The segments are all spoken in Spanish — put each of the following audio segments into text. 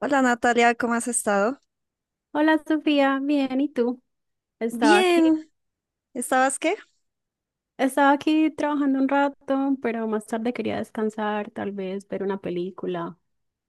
Hola Natalia, ¿cómo has estado? Hola Sofía, bien, ¿y tú? Estaba aquí, Bien, ¿estabas qué? estaba aquí trabajando un rato, pero más tarde quería descansar, tal vez ver una película.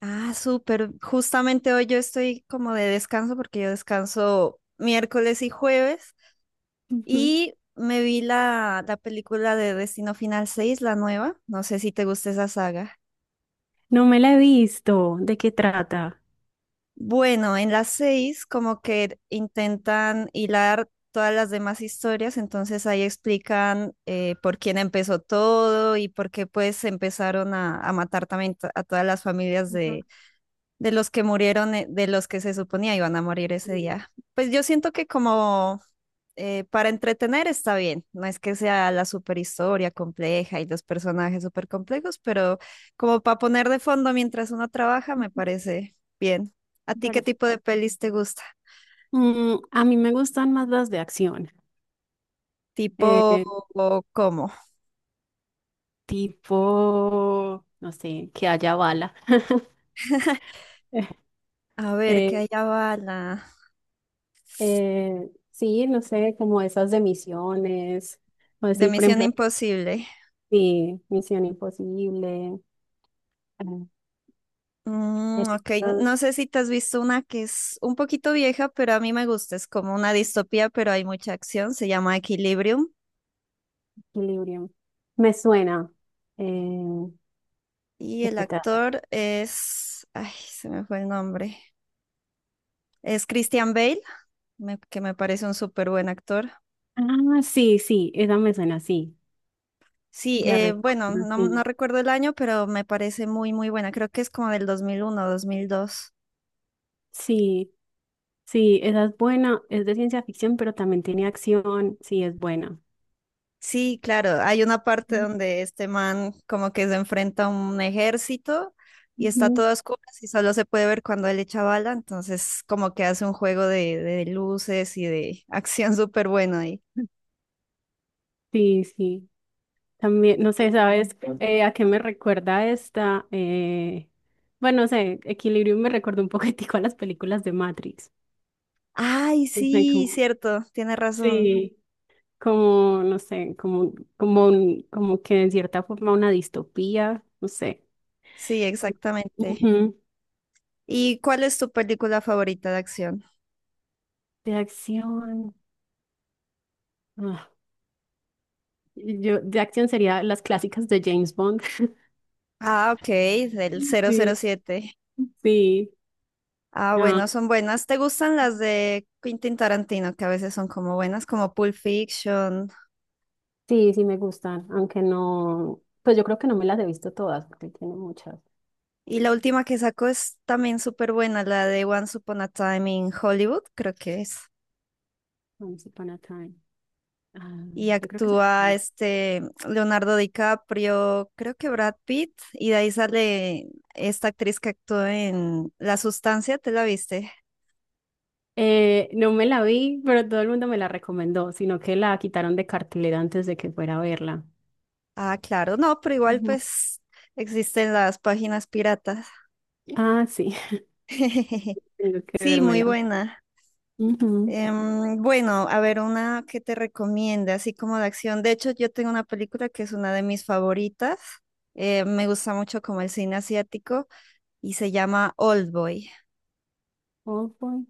Ah, súper. Justamente hoy yo estoy como de descanso porque yo descanso miércoles y jueves Ujú. y me vi la película de Destino Final 6, la nueva. No sé si te gusta esa saga. No me la he visto, ¿de qué trata? Bueno, en las 6 como que intentan hilar todas las demás historias, entonces ahí explican por quién empezó todo y por qué pues empezaron a matar también a todas las familias Ujú, de los que murieron, de los que se suponía iban a morir sí, ese día. Pues yo siento que como para entretener está bien, no es que sea la superhistoria compleja y los personajes súper complejos, pero como para poner de fondo mientras uno trabaja me parece bien. ¿A me ti qué parece. tipo de pelis te gusta? A mí me gustan más las de acción, ¿Tipo eh, o cómo? tipo, no sé, que haya bala. A ver, que Eh, hay bala. Sí, no sé, como esas de misiones, o De así, por Misión ejemplo, Imposible. sí, Misión Imposible. eh, Mm, El ok, estado de no sé si te has visto una que es un poquito vieja, pero a mí me gusta. Es como una distopía, pero hay mucha acción. Se llama Equilibrium. equilibrio. Me suena. Eh, Y ¿De el qué trata? actor es... Ay, se me fue el nombre. Es Christian Bale, que me parece un súper buen actor. Ah, sí, sí, esa me suena, sí. Sí, Ya bueno, recuerdo, no, no sí. recuerdo el año, pero me parece muy, muy buena. Creo que es como del 2001, 2002. Sí, sí, esa es buena. Es de ciencia ficción, pero también tiene acción. Sí, es buena. Sí, claro, hay una parte Ujú, donde este man como que se enfrenta a un ejército y está ujú. todo a oscuras y solo se puede ver cuando él echa bala, entonces como que hace un juego de luces y de acción súper bueno ahí. Sí, sí. También, no sé, ¿sabes a qué me recuerda esta? Bueno, no sé, Equilibrium me recuerda un poquitico a las películas de Matrix. Ay, No sé, sí, cierto, tiene razón. Sí. como, no sé, como, como, un- como que en cierta forma una distopía, no sé. Sí, exactamente. Ujú. ¿Y cuál es tu película favorita de acción? De acción. ah, yo, de acción sería las clásicas de James Bond. Ah, ok, del cero cero Sí, siete. sí. Ah, Ah, bueno, son buenas. ¿Te gustan las de Quentin Tarantino, que a veces son como buenas, como Pulp Fiction? sí, sí me gustan, aunque no, pues yo creo que no me las he visto todas, porque tiene muchas. Y la última que sacó es también súper buena, la de Once Upon a Time in Hollywood, creo que es. Once Upon a Time. Ah, Y yo creo que actúa este Leonardo DiCaprio, creo que Brad Pitt, y de ahí sale esta actriz que actuó en La Sustancia, ¿te la viste? No me la vi, pero todo el mundo me la recomendó, sino que la quitaron de cartelera antes de que fuera a verla. Ah, claro, no, pero igual Ujú. pues existen las páginas piratas. Ah, sí. Tengo que Sí, muy vérmela. buena. Ujú. Bueno, a ver, una que te recomiende, así como de acción. De hecho, yo tengo una película que es una de mis favoritas. Me gusta mucho como el cine asiático y se llama Old Boy. Oh, boy.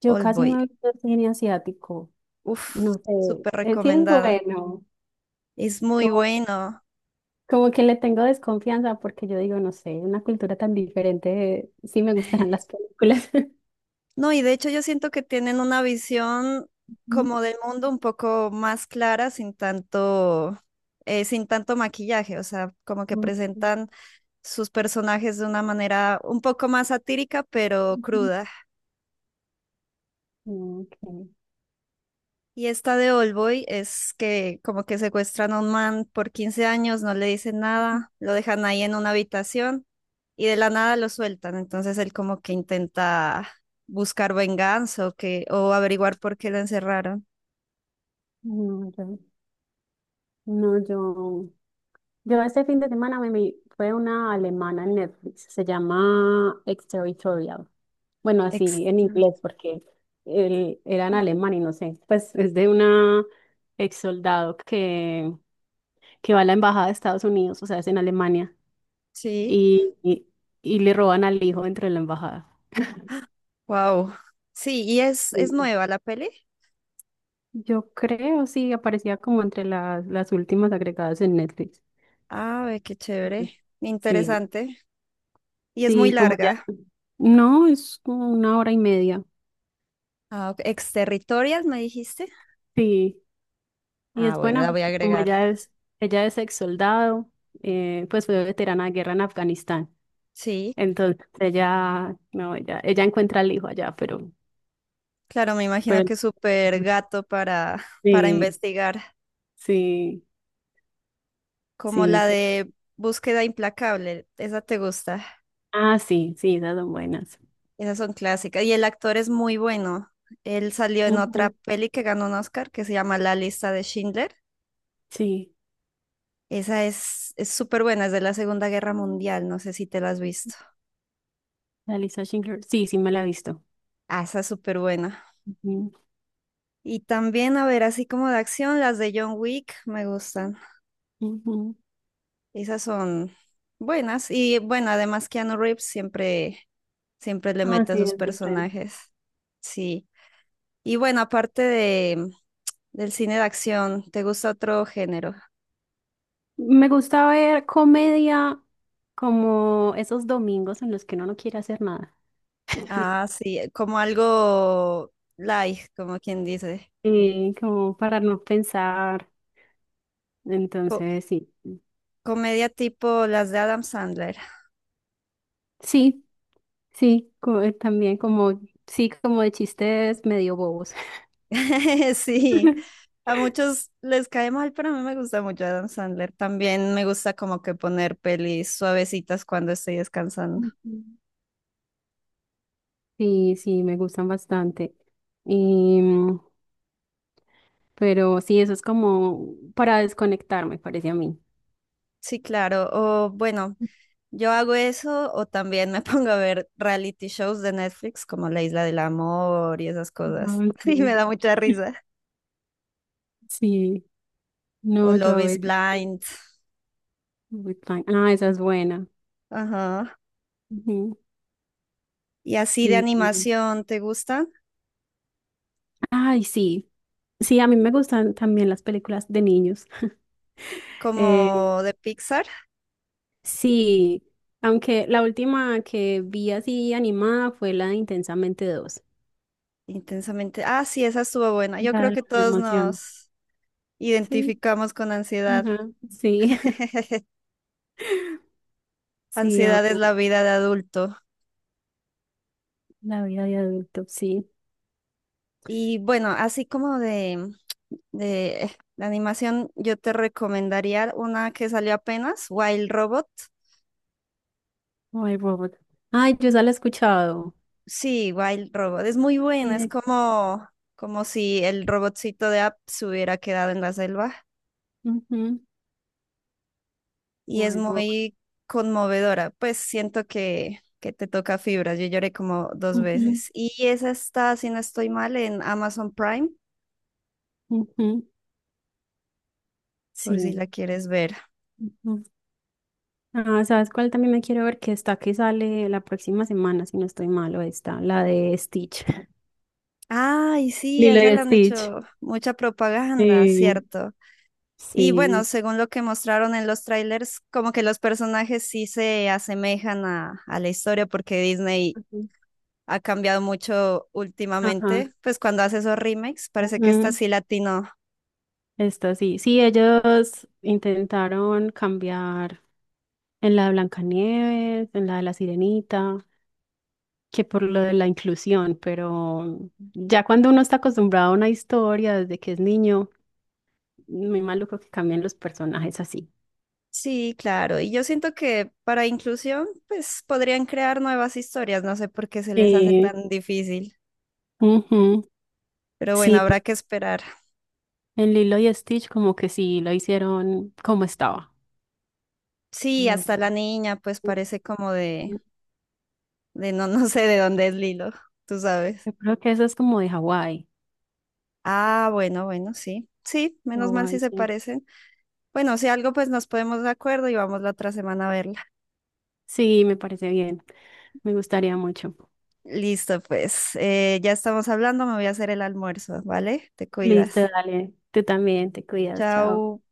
Yo Old casi Boy. no he visto cine asiático. Uf, No sé. súper Sí es recomendada. bueno. Es muy Como, bueno. como que le tengo desconfianza porque yo digo, no sé, una cultura tan diferente. Sí me gustarán las películas. No, y de hecho yo siento que tienen una visión Ujú. como del mundo un poco más clara, sin tanto, sin tanto maquillaje, o sea, como que presentan sus personajes de una manera un poco más satírica, pero Ujú. cruda. Ok. Y esta de Oldboy es que como que secuestran a un man por 15 años, no le dicen nada, lo dejan ahí en una habitación y de la nada lo sueltan. Entonces él como que intenta buscar venganza o que, o averiguar por qué lo encerraron. No, yo, no, yo Yo este fin de semana me vi, fue una alemana en Netflix, se llama Exterritorial. Bueno, así en Exterior- inglés porque él era en alemán y no sé, pues es de una ex soldado que va a la embajada de Estados Unidos, o sea, es en Alemania, Sí, y, y, y le roban al hijo entre la embajada. wow. Sí, y es Sí. nueva la peli. Yo creo, sí, aparecía como entre las últimas agregadas en Netflix. Ah, ve qué Ujú. chévere. Sí, Interesante. Y es muy sí, como ya. larga. No, es como una hora y media. Ah, ok. Exterritorial, me dijiste. Sí, y Ah, es bueno, buena la voy a porque agregar. Ella es ex soldado, pues fue veterana de guerra en Afganistán. Sí, Entonces ella, no, ella encuentra al hijo allá, claro, me imagino pero que es súper gato para sí, investigar. sí, Como sí. la de Búsqueda Implacable. Esa te gusta. Ah, sí, sí, esas son buenas. Esas son clásicas. Y el actor es muy bueno. Él salió en otra Ujú, peli que ganó un Oscar que se llama La lista de Schindler. sí, Esa es súper buena, es de la Segunda Guerra Mundial, no sé si te la has visto. la Lisa Schindler, sí, sí me la he visto. Ah, esa es súper buena. Ujú, Y también, a ver, así como de acción, las de John Wick me gustan. ujú. Esas son buenas. Y bueno, además Keanu Reeves siempre, siempre le Ah, mete a sí, sus es de Friends. personajes. Sí. Y bueno, aparte de, del cine de acción, ¿te gusta otro género? Me gusta ver comedia como esos domingos en los que uno no quiere hacer nada. Ah, sí, como algo light, como quien dice. Como para no pensar. Co- Entonces, sí, comedia tipo las de Adam Sandler. sí, sí, también como, sí, como de chistes medio bobos. Sí, a muchos les cae mal, pero a mí me gusta mucho Adam Sandler. También me gusta como que poner pelis suavecitas cuando estoy descansando. Ujú. Sí, sí, me gustan bastante. Y, mm, pero sí, eso es como para desconectar, me parece a mí. Sí, claro. O bueno, yo hago eso o también me pongo a ver reality shows de Netflix como La Isla del Amor y esas cosas. Ah, sí. Y me da mucha risa. Sí, O no, yo Love a is veces. Blind. With Fine. Ah, esa es buena. Ajá. Ujú, Y así de sí. animación, ¿te gustan? Ay, sí. Sí, a mí me gustan también las películas de niños. Eh, Como de Pixar, sí, aunque la última que vi así animada fue la de Intensamente dos. intensamente. Ah, sí, esa estuvo buena. Yo La creo de que la todos emoción. nos Sí, identificamos con ansiedad. ajá, sí, sí, ahora Ansiedad es la vida de adulto. la vida de adulto, sí. Y bueno, así como de, de animación, yo te recomendaría una que salió apenas, Wild Robot. Wild Robot. Ay, yo ya la he escuchado. Sí, Wild Robot. Es muy buena. Es Directo. como, como si el robotcito de App se hubiera quedado en la selva. Ujú, Y es Wild Robot. muy conmovedora. Pues siento que te toca fibras. Yo lloré como dos Ujú, veces. Y esa está, si no estoy mal, en Amazon Prime, ujú, por si sí. la quieres ver. Ujú. Ah, ¿sabes cuál también me quiero ver? Que está que sale la próxima semana, si no estoy malo, está, la de Stitch. Ay, sí, a Lilo esa y le han Stitch. hecho mucha propaganda, Sí, cierto. Y bueno, sí. según lo que mostraron en los trailers, como que los personajes sí se asemejan a la historia porque Disney Ujú. ha cambiado mucho Ajá, últimamente, pues cuando hace esos remakes, parece que está Mm, así latino. esto sí, sí, ellos intentaron cambiar en la de Blancanieves, en la de la Sirenita, que por lo de la inclusión, pero ya cuando uno está acostumbrado a una historia desde que es niño, muy maluco que cambien los personajes así. Sí, claro. Y yo siento que para inclusión, pues podrían crear nuevas historias, no sé por qué se les hace Sí, tan difícil, ujú, pero bueno, sí, habrá que esperar. en Lilo y Stitch como que sí lo hicieron como estaba. Sí, Lo- hasta la niña, pues parece como de... De no, no sé de dónde es Lilo, tú sabes. Yo creo que eso es como de Hawái. Ah, bueno, bueno, sí. Sí, menos mal si Hawái, se sí. parecen. Bueno, si algo, pues nos podemos de acuerdo y vamos la otra semana a verla. Sí, me parece bien. Me gustaría mucho. Listo, pues. Ya estamos hablando, me voy a hacer el almuerzo, ¿vale? Te Listo, cuidas. dale. Tú también, te cuidas, chao. Chao.